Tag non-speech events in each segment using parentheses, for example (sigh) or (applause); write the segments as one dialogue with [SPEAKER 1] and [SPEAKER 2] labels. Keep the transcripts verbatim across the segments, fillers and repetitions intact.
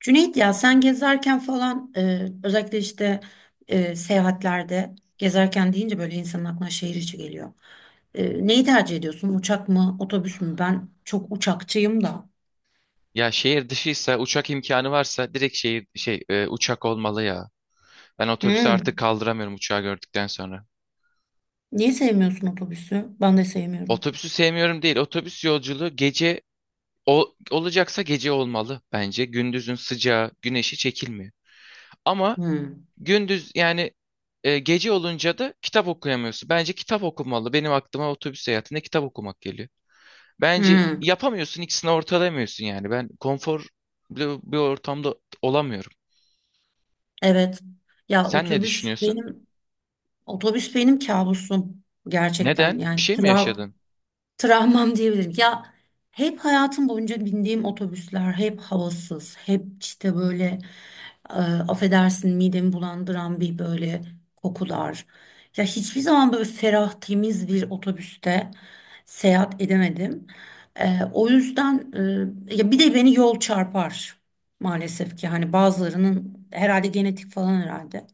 [SPEAKER 1] Cüneyt ya sen gezerken falan, e, özellikle işte e, seyahatlerde gezerken deyince böyle insanın aklına şehir içi geliyor. E, neyi tercih ediyorsun? Uçak mı, otobüs mü? Ben çok uçakçıyım da.
[SPEAKER 2] Ya şehir dışıysa uçak imkanı varsa direkt şehir şey e, uçak olmalı ya. Ben otobüsü artık
[SPEAKER 1] Hmm.
[SPEAKER 2] kaldıramıyorum uçağı gördükten sonra.
[SPEAKER 1] Niye sevmiyorsun otobüsü? Ben de sevmiyorum.
[SPEAKER 2] Otobüsü sevmiyorum değil. Otobüs yolculuğu gece o, olacaksa gece olmalı bence. Gündüzün sıcağı, güneşi çekilmiyor. Ama
[SPEAKER 1] Hmm.
[SPEAKER 2] gündüz yani... e, Gece olunca da kitap okuyamıyorsun. Bence kitap okumalı. Benim aklıma otobüs seyahatinde kitap okumak geliyor. Bence
[SPEAKER 1] Hmm.
[SPEAKER 2] yapamıyorsun ikisini ortalamıyorsun yani. Ben konforlu bir ortamda olamıyorum.
[SPEAKER 1] Evet. Ya
[SPEAKER 2] Sen ne
[SPEAKER 1] otobüs
[SPEAKER 2] düşünüyorsun?
[SPEAKER 1] benim otobüs benim kabusum gerçekten.
[SPEAKER 2] Neden? Bir
[SPEAKER 1] Yani
[SPEAKER 2] şey mi
[SPEAKER 1] tra-
[SPEAKER 2] yaşadın?
[SPEAKER 1] travmam diyebilirim. Ya hep hayatım boyunca bindiğim otobüsler hep havasız, hep işte böyle, e, affedersin, midemi bulandıran bir böyle kokular. Ya hiçbir zaman böyle ferah, temiz bir otobüste seyahat edemedim. E, o yüzden, e, ya bir de beni yol çarpar maalesef ki, hani bazılarının herhalde genetik falan herhalde.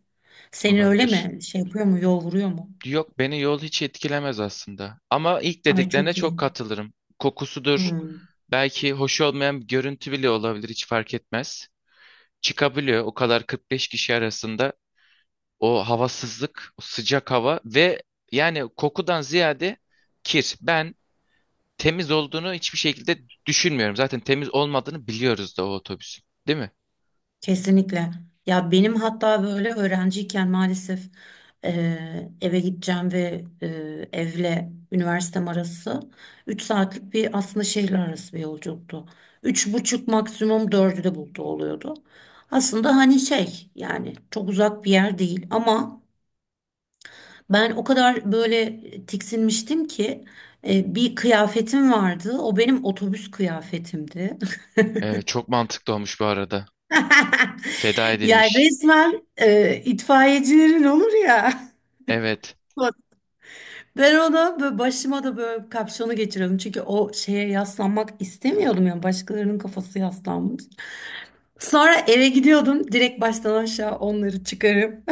[SPEAKER 1] Senin öyle
[SPEAKER 2] Olabilir.
[SPEAKER 1] mi? Şey yapıyor mu? Yol vuruyor mu?
[SPEAKER 2] Yok beni yol hiç etkilemez aslında. Ama ilk
[SPEAKER 1] Ay
[SPEAKER 2] dediklerine
[SPEAKER 1] çok
[SPEAKER 2] çok
[SPEAKER 1] iyi.
[SPEAKER 2] katılırım. Kokusudur.
[SPEAKER 1] Hmm.
[SPEAKER 2] Belki hoş olmayan bir görüntü bile olabilir hiç fark etmez. Çıkabiliyor o kadar kırk beş kişi arasında o havasızlık, o sıcak hava ve yani kokudan ziyade kir. Ben temiz olduğunu hiçbir şekilde düşünmüyorum. Zaten temiz olmadığını biliyoruz da o otobüsün, değil mi?
[SPEAKER 1] Kesinlikle. Ya benim hatta böyle öğrenciyken maalesef, e, eve gideceğim ve e, evle üniversitem arası üç saatlik bir, aslında şehirler arası bir yolculuktu. Üç buçuk, maksimum dördü de buldu oluyordu. Aslında hani şey yani çok uzak bir yer değil, ama ben o kadar böyle tiksinmiştim ki, e, bir kıyafetim vardı. O benim otobüs kıyafetimdi.
[SPEAKER 2] Evet, çok mantıklı olmuş bu arada.
[SPEAKER 1] (laughs)
[SPEAKER 2] Feda
[SPEAKER 1] Ya
[SPEAKER 2] edilmiş.
[SPEAKER 1] resmen, e, itfaiyecilerin olur ya.
[SPEAKER 2] Evet.
[SPEAKER 1] Ben ona böyle, başıma da böyle kapşonu geçiriyordum. Çünkü o şeye yaslanmak istemiyordum yani, başkalarının kafası yaslanmış. Sonra eve gidiyordum direkt, baştan aşağı onları çıkarıp.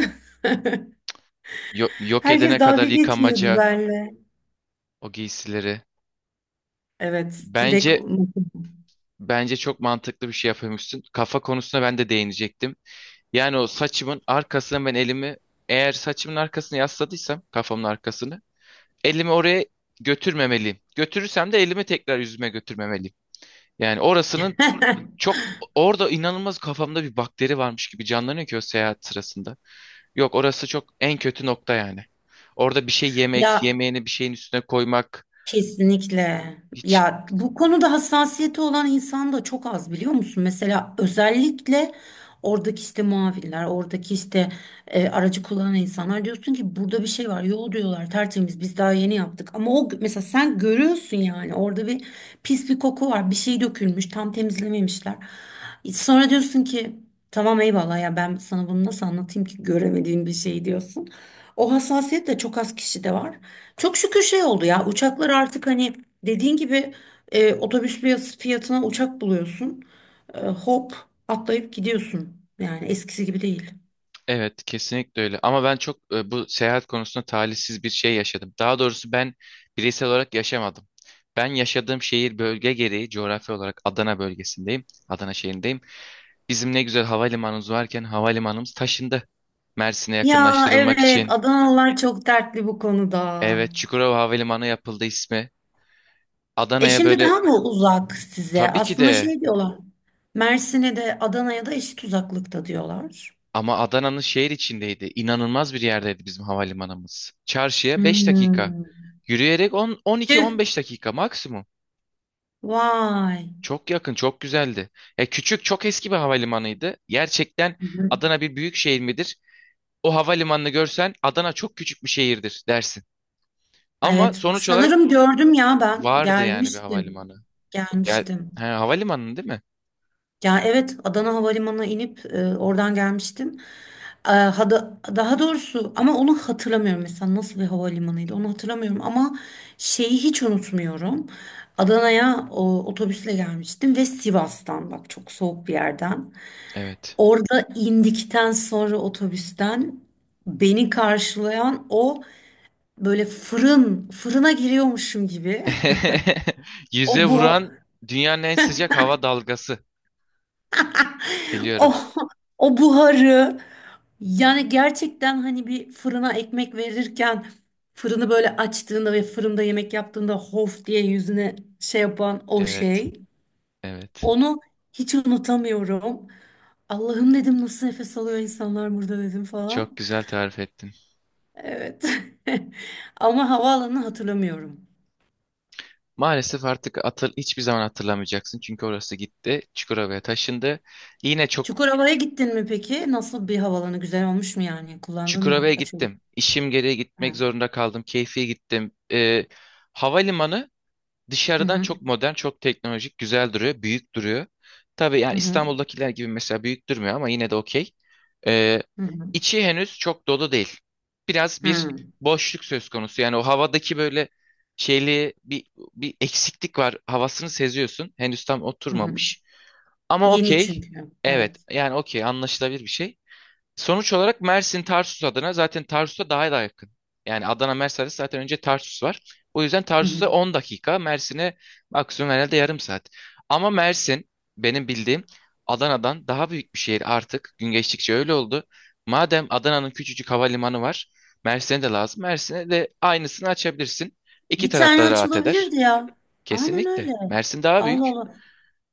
[SPEAKER 2] Yo-
[SPEAKER 1] (laughs)
[SPEAKER 2] yok edene
[SPEAKER 1] Herkes
[SPEAKER 2] kadar
[SPEAKER 1] dalga geçiyordu
[SPEAKER 2] yıkamaca
[SPEAKER 1] benimle.
[SPEAKER 2] o giysileri.
[SPEAKER 1] Evet, direkt.
[SPEAKER 2] Bence bence çok mantıklı bir şey yapıyormuşsun. Kafa konusuna ben de değinecektim. Yani o saçımın arkasına ben elimi, eğer saçımın arkasını yasladıysam kafamın arkasını, elimi oraya götürmemeliyim. Götürürsem de elimi tekrar yüzüme götürmemeliyim. Yani orasının,
[SPEAKER 1] (laughs) (laughs)
[SPEAKER 2] çok orada inanılmaz kafamda bir bakteri varmış gibi canlanıyor ki o seyahat sırasında. Yok orası çok en kötü nokta yani. Orada bir şey yemek,
[SPEAKER 1] Ya,
[SPEAKER 2] yemeğini bir şeyin üstüne koymak
[SPEAKER 1] kesinlikle.
[SPEAKER 2] hiç...
[SPEAKER 1] Ya, bu konuda hassasiyeti olan insan da çok az, biliyor musun? Mesela özellikle oradaki işte muavinler, oradaki işte, e, aracı kullanan insanlar, diyorsun ki burada bir şey var. Yol, diyorlar, tertemiz, biz daha yeni yaptık. Ama o mesela, sen görüyorsun yani, orada bir pis bir koku var. Bir şey dökülmüş, tam temizlememişler. Sonra diyorsun ki, tamam eyvallah ya, ben sana bunu nasıl anlatayım ki, göremediğin bir şey, diyorsun. O hassasiyet de çok az kişide var. Çok şükür şey oldu ya, uçaklar artık hani, dediğin gibi, e, otobüs fiyat- fiyatına uçak buluyorsun. E, hop atlayıp gidiyorsun. Yani eskisi gibi değil.
[SPEAKER 2] Evet, kesinlikle öyle. Ama ben çok e, bu seyahat konusunda talihsiz bir şey yaşadım. Daha doğrusu ben bireysel olarak yaşamadım. Ben yaşadığım şehir bölge gereği coğrafi olarak Adana bölgesindeyim. Adana şehrindeyim. Bizim ne güzel havalimanımız varken havalimanımız taşındı, Mersin'e
[SPEAKER 1] Ya
[SPEAKER 2] yakınlaştırılmak
[SPEAKER 1] evet,
[SPEAKER 2] için.
[SPEAKER 1] Adanalılar çok dertli bu konuda.
[SPEAKER 2] Evet, Çukurova Havalimanı yapıldı ismi.
[SPEAKER 1] E,
[SPEAKER 2] Adana'ya
[SPEAKER 1] şimdi
[SPEAKER 2] böyle,
[SPEAKER 1] daha mı uzak size?
[SPEAKER 2] tabii ki
[SPEAKER 1] Aslında
[SPEAKER 2] de,
[SPEAKER 1] şey diyorlar. Mersin'e de Adana'ya da eşit uzaklıkta diyorlar.
[SPEAKER 2] ama Adana'nın şehir içindeydi. İnanılmaz bir yerdeydi bizim havalimanımız. Çarşıya beş dakika.
[SPEAKER 1] Hmm.
[SPEAKER 2] Yürüyerek on on iki on
[SPEAKER 1] Tüh.
[SPEAKER 2] beş dakika maksimum.
[SPEAKER 1] Vay.
[SPEAKER 2] Çok yakın, çok güzeldi. Ya küçük, çok eski bir havalimanıydı gerçekten.
[SPEAKER 1] Hı hı.
[SPEAKER 2] Adana bir büyük şehir midir? O havalimanını görsen Adana çok küçük bir şehirdir dersin. Ama
[SPEAKER 1] Evet.
[SPEAKER 2] sonuç olarak
[SPEAKER 1] Sanırım gördüm ya ben.
[SPEAKER 2] vardı yani bir
[SPEAKER 1] Gelmiştim.
[SPEAKER 2] havalimanı. Gel,
[SPEAKER 1] Gelmiştim.
[SPEAKER 2] ha, havalimanı değil mi?
[SPEAKER 1] Ya evet, Adana Havalimanı'na inip, e, oradan gelmiştim. E, hada- daha doğrusu, ama onu hatırlamıyorum mesela, nasıl bir havalimanıydı onu hatırlamıyorum, ama şeyi hiç unutmuyorum. Adana'ya o, otobüsle gelmiştim ve Sivas'tan, bak, çok soğuk bir yerden.
[SPEAKER 2] Evet.
[SPEAKER 1] Orada indikten sonra otobüsten beni karşılayan o, böyle fırın fırına giriyormuşum gibi.
[SPEAKER 2] (laughs)
[SPEAKER 1] (laughs)
[SPEAKER 2] Yüze
[SPEAKER 1] o bu
[SPEAKER 2] vuran dünyanın en sıcak hava dalgası. Biliyorum.
[SPEAKER 1] O, (laughs) o buharı, yani gerçekten hani, bir fırına ekmek verirken, fırını böyle açtığında ve fırında yemek yaptığında hof diye yüzüne şey yapan o
[SPEAKER 2] Evet.
[SPEAKER 1] şey.
[SPEAKER 2] Evet.
[SPEAKER 1] Onu hiç unutamıyorum. Allah'ım, dedim, nasıl nefes alıyor insanlar burada, dedim
[SPEAKER 2] Çok
[SPEAKER 1] falan.
[SPEAKER 2] güzel tarif ettin.
[SPEAKER 1] Evet. (laughs) Ama havaalanını hatırlamıyorum.
[SPEAKER 2] Maalesef artık hatır, hiçbir zaman hatırlamayacaksın. Çünkü orası gitti. Çukurova'ya taşındı. Yine çok...
[SPEAKER 1] Çukurova'ya gittin mi peki? Nasıl bir havalanı? Güzel olmuş mu yani? Kullandın mı?
[SPEAKER 2] Çukurova'ya
[SPEAKER 1] Açıldı.
[SPEAKER 2] gittim. İşim gereği
[SPEAKER 1] Ha.
[SPEAKER 2] gitmek zorunda kaldım. Keyfiye gittim. Ee, havalimanı
[SPEAKER 1] Hı
[SPEAKER 2] dışarıdan
[SPEAKER 1] hı.
[SPEAKER 2] çok modern, çok teknolojik, güzel duruyor, büyük duruyor. Tabii
[SPEAKER 1] Hı
[SPEAKER 2] yani
[SPEAKER 1] hı.
[SPEAKER 2] İstanbul'dakiler gibi mesela büyük durmuyor ama yine de okey. Ee,
[SPEAKER 1] Hı hı.
[SPEAKER 2] içi henüz çok dolu değil. Biraz
[SPEAKER 1] Hı
[SPEAKER 2] bir
[SPEAKER 1] hı.
[SPEAKER 2] boşluk söz konusu. Yani o havadaki böyle şeyli bir, bir eksiklik var. Havasını seziyorsun. Henüz tam
[SPEAKER 1] Hı hı.
[SPEAKER 2] oturmamış. Ama
[SPEAKER 1] Yeni
[SPEAKER 2] okey.
[SPEAKER 1] çünkü.
[SPEAKER 2] Evet
[SPEAKER 1] Evet.
[SPEAKER 2] yani okey, anlaşılabilir bir şey. Sonuç olarak Mersin Tarsus adına zaten Tarsus'a daha da yakın. Yani Adana Mersin arası zaten önce Tarsus var. O yüzden
[SPEAKER 1] Hı hı.
[SPEAKER 2] Tarsus'a on dakika, Mersin'e maksimum herhalde yarım saat. Ama Mersin benim bildiğim Adana'dan daha büyük bir şehir artık. Gün geçtikçe öyle oldu. Madem Adana'nın küçücük havalimanı var, Mersin'e de lazım. Mersin'e de aynısını açabilirsin. İki
[SPEAKER 1] Bir tane
[SPEAKER 2] tarafta rahat eder.
[SPEAKER 1] açılabilirdi ya. Aynen öyle.
[SPEAKER 2] Kesinlikle. Mersin daha
[SPEAKER 1] Allah
[SPEAKER 2] büyük.
[SPEAKER 1] Allah.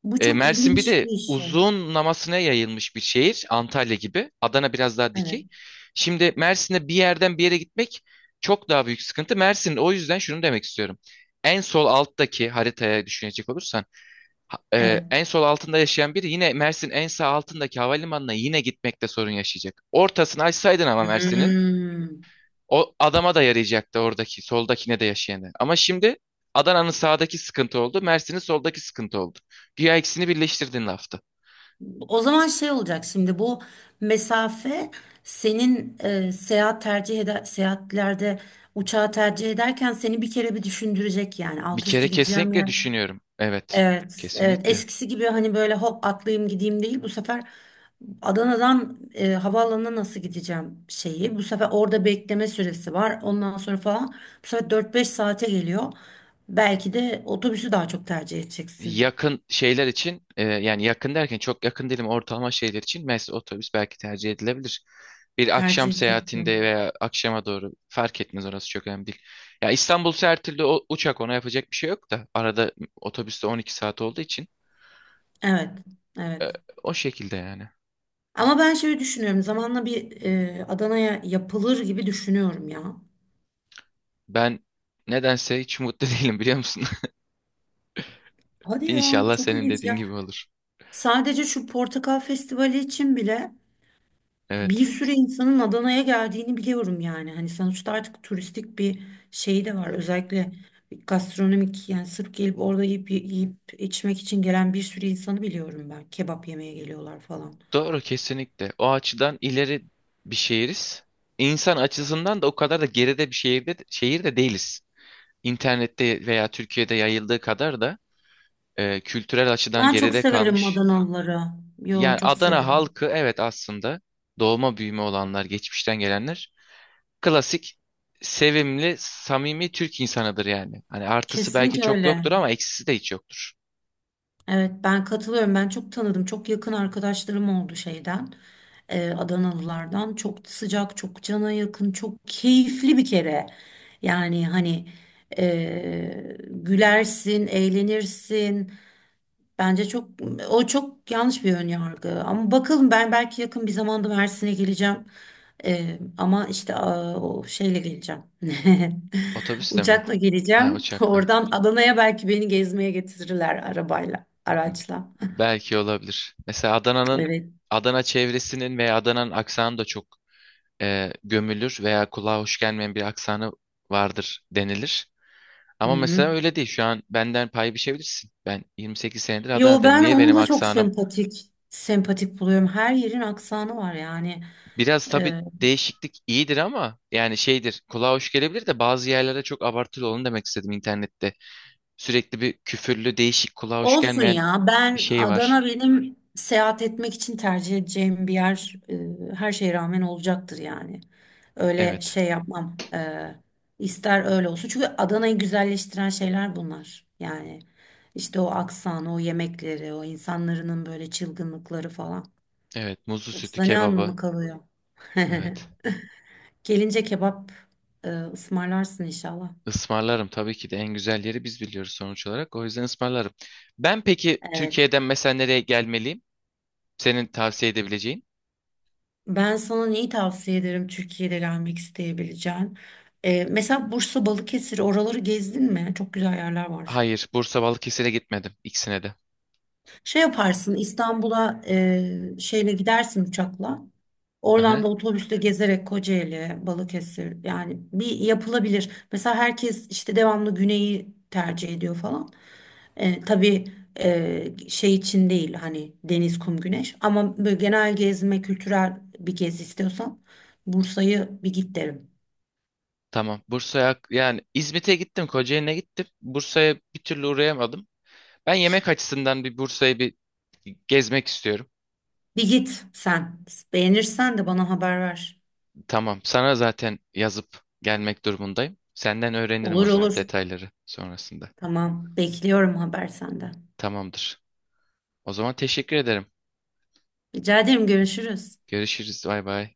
[SPEAKER 1] Bu
[SPEAKER 2] E,
[SPEAKER 1] çok
[SPEAKER 2] Mersin bir
[SPEAKER 1] ilginç
[SPEAKER 2] de
[SPEAKER 1] bir şey.
[SPEAKER 2] uzunlamasına yayılmış bir şehir. Antalya gibi. Adana biraz daha
[SPEAKER 1] Evet.
[SPEAKER 2] dikey. Şimdi Mersin'de bir yerden bir yere gitmek çok daha büyük sıkıntı. Mersin, o yüzden şunu demek istiyorum. En sol alttaki haritaya düşünecek olursan ha- e,
[SPEAKER 1] Evet.
[SPEAKER 2] en sol altında yaşayan biri yine Mersin en sağ altındaki havalimanına yine gitmekte sorun yaşayacak. Ortasını açsaydın ama Mersin'in,
[SPEAKER 1] Hmm.
[SPEAKER 2] o adama da yarayacaktı oradaki soldakine de yaşayanı. Ama şimdi Adana'nın sağdaki sıkıntı oldu. Mersin'in soldaki sıkıntı oldu. Güya ikisini birleştirdin lafta.
[SPEAKER 1] O zaman şey olacak şimdi, bu mesafe, senin, e, seyahat tercih eder seyahatlerde uçağı tercih ederken seni bir kere bir düşündürecek, yani
[SPEAKER 2] Bir
[SPEAKER 1] alt
[SPEAKER 2] kere
[SPEAKER 1] üstü gideceğim
[SPEAKER 2] kesinlikle
[SPEAKER 1] yer.
[SPEAKER 2] düşünüyorum. Evet,
[SPEAKER 1] Evet, evet.
[SPEAKER 2] kesinlikle.
[SPEAKER 1] Eskisi gibi hani böyle hop atlayayım gideyim değil. Bu sefer Adana'dan, e, havaalanına nasıl gideceğim şeyi. Bu sefer orada bekleme süresi var. Ondan sonra falan. Bu sefer dört beş saate geliyor. Belki de otobüsü daha çok tercih edeceksin.
[SPEAKER 2] Yakın şeyler için, e, yani yakın derken çok yakın değilim, ortalama şeyler için mesela otobüs belki tercih edilebilir. Bir
[SPEAKER 1] Tercih
[SPEAKER 2] akşam seyahatinde
[SPEAKER 1] edeceksin.
[SPEAKER 2] veya akşama doğru fark etmez, orası çok önemli değil. Ya İstanbul her türlü, o- uçak, ona yapacak bir şey yok da arada otobüste on iki saat olduğu için
[SPEAKER 1] Evet.
[SPEAKER 2] e,
[SPEAKER 1] Evet.
[SPEAKER 2] o şekilde yani.
[SPEAKER 1] Ama ben şöyle düşünüyorum, zamanla bir, e, Adana'ya yapılır gibi düşünüyorum ya.
[SPEAKER 2] Ben nedense hiç mutlu (laughs) değilim biliyor musun?
[SPEAKER 1] Hadi
[SPEAKER 2] (laughs)
[SPEAKER 1] ya,
[SPEAKER 2] İnşallah
[SPEAKER 1] çok
[SPEAKER 2] senin
[SPEAKER 1] ilginç.
[SPEAKER 2] dediğin
[SPEAKER 1] Ya
[SPEAKER 2] gibi olur.
[SPEAKER 1] sadece şu portakal festivali için bile bir
[SPEAKER 2] Evet.
[SPEAKER 1] sürü insanın Adana'ya geldiğini biliyorum yani. Hani sonuçta artık turistik bir şey de var. Özellikle gastronomik, yani sırf gelip orada yiyip, yiyip içmek için gelen bir sürü insanı biliyorum ben. Kebap yemeye geliyorlar falan.
[SPEAKER 2] Doğru, kesinlikle. O açıdan ileri bir şehiriz. İnsan açısından da o kadar da geride bir şehirde, şehir de değiliz. İnternette veya Türkiye'de yayıldığı kadar da e, kültürel açıdan
[SPEAKER 1] Ben çok
[SPEAKER 2] geride
[SPEAKER 1] severim
[SPEAKER 2] kalmış.
[SPEAKER 1] Adanalıları. Yo,
[SPEAKER 2] Yani
[SPEAKER 1] çok
[SPEAKER 2] Adana
[SPEAKER 1] severim.
[SPEAKER 2] halkı, evet, aslında doğma büyüme olanlar, geçmişten gelenler, klasik sevimli, samimi Türk insanıdır yani. Hani artısı belki
[SPEAKER 1] Kesinlikle
[SPEAKER 2] çok yoktur
[SPEAKER 1] öyle.
[SPEAKER 2] ama eksisi de hiç yoktur.
[SPEAKER 1] Evet, ben katılıyorum. Ben çok tanıdım. Çok yakın arkadaşlarım oldu şeyden, e, Adanalılardan. Çok sıcak, çok cana yakın, çok keyifli bir kere. Yani hani, e, gülersin, eğlenirsin. Bence çok, o çok yanlış bir ön yargı. Ama bakalım, ben belki yakın bir zamanda Mersin'e geleceğim. Ee, ama işte, aa, o şeyle geleceğim. (laughs)
[SPEAKER 2] Otobüste mi?
[SPEAKER 1] Uçakla
[SPEAKER 2] Ha,
[SPEAKER 1] geleceğim.
[SPEAKER 2] uçakla.
[SPEAKER 1] Oradan Adana'ya belki beni gezmeye getirirler, arabayla, araçla.
[SPEAKER 2] Belki olabilir. Mesela Adana'nın,
[SPEAKER 1] Evet.
[SPEAKER 2] Adana çevresinin veya Adana'nın aksanı da çok, e, gömülür veya kulağa hoş gelmeyen bir aksanı vardır denilir.
[SPEAKER 1] Hı
[SPEAKER 2] Ama
[SPEAKER 1] hı.
[SPEAKER 2] mesela öyle değil. Şu an benden pay biçebilirsin. Ben yirmi sekiz senedir
[SPEAKER 1] Yo,
[SPEAKER 2] Adana'dayım.
[SPEAKER 1] ben
[SPEAKER 2] Niye
[SPEAKER 1] onu
[SPEAKER 2] benim
[SPEAKER 1] da çok
[SPEAKER 2] aksanım?
[SPEAKER 1] sempatik sempatik buluyorum. Her yerin aksanı var yani.
[SPEAKER 2] Biraz tabii
[SPEAKER 1] Ee,
[SPEAKER 2] değişiklik iyidir ama yani şeydir. Kulağa hoş gelebilir de, bazı yerlere çok abartılı olun demek istedim internette. Sürekli bir küfürlü, değişik, kulağa hoş
[SPEAKER 1] Olsun
[SPEAKER 2] gelmeyen
[SPEAKER 1] ya.
[SPEAKER 2] bir
[SPEAKER 1] Ben
[SPEAKER 2] şey var.
[SPEAKER 1] Adana benim seyahat etmek için tercih edeceğim bir yer, e, her şeye rağmen olacaktır yani. Öyle
[SPEAKER 2] Evet.
[SPEAKER 1] şey yapmam. E, ister öyle olsun. Çünkü Adana'yı güzelleştiren şeyler bunlar. Yani işte, o aksanı, o yemekleri, o insanların böyle çılgınlıkları falan.
[SPEAKER 2] Evet. Muzlu sütü,
[SPEAKER 1] Yoksa ne
[SPEAKER 2] kebabı.
[SPEAKER 1] anlamı kalıyor? (laughs)
[SPEAKER 2] Evet.
[SPEAKER 1] Gelince kebap, e, ısmarlarsın inşallah.
[SPEAKER 2] Ismarlarım tabii ki de, en güzel yeri biz biliyoruz sonuç olarak. O yüzden ısmarlarım. Ben peki
[SPEAKER 1] Evet.
[SPEAKER 2] Türkiye'den mesela nereye gelmeliyim, senin tavsiye edebileceğin?
[SPEAKER 1] Ben sana neyi tavsiye ederim Türkiye'de gelmek isteyebileceğin? Ee, mesela Bursa, Balıkesir, oraları gezdin mi? Çok güzel yerler var.
[SPEAKER 2] Hayır, Bursa Balıkesir'e gitmedim, ikisine de.
[SPEAKER 1] Şey yaparsın, İstanbul'a, e, şeyle gidersin, uçakla. Oradan da
[SPEAKER 2] Aha,
[SPEAKER 1] otobüsle gezerek Kocaeli, Balıkesir yani, bir yapılabilir. Mesela herkes işte devamlı güneyi tercih ediyor falan. E, tabii, e, şey için değil hani, deniz, kum, güneş, ama böyle genel gezme, kültürel bir gezi istiyorsan, Bursa'yı bir git derim.
[SPEAKER 2] tamam. Bursa'ya, yani İzmit'e gittim, Kocaeli'ne gittim, Bursa'ya bir türlü uğrayamadım. Ben yemek açısından bir Bursa'yı bir gezmek istiyorum.
[SPEAKER 1] Bir git sen. Beğenirsen de bana haber ver.
[SPEAKER 2] Tamam. Sana zaten yazıp gelmek durumundayım. Senden öğrenirim o
[SPEAKER 1] Olur
[SPEAKER 2] zaman
[SPEAKER 1] olur.
[SPEAKER 2] detayları sonrasında.
[SPEAKER 1] Tamam. Bekliyorum haber senden.
[SPEAKER 2] Tamamdır. O zaman teşekkür ederim.
[SPEAKER 1] Rica ederim, görüşürüz.
[SPEAKER 2] Görüşürüz. Bay bay.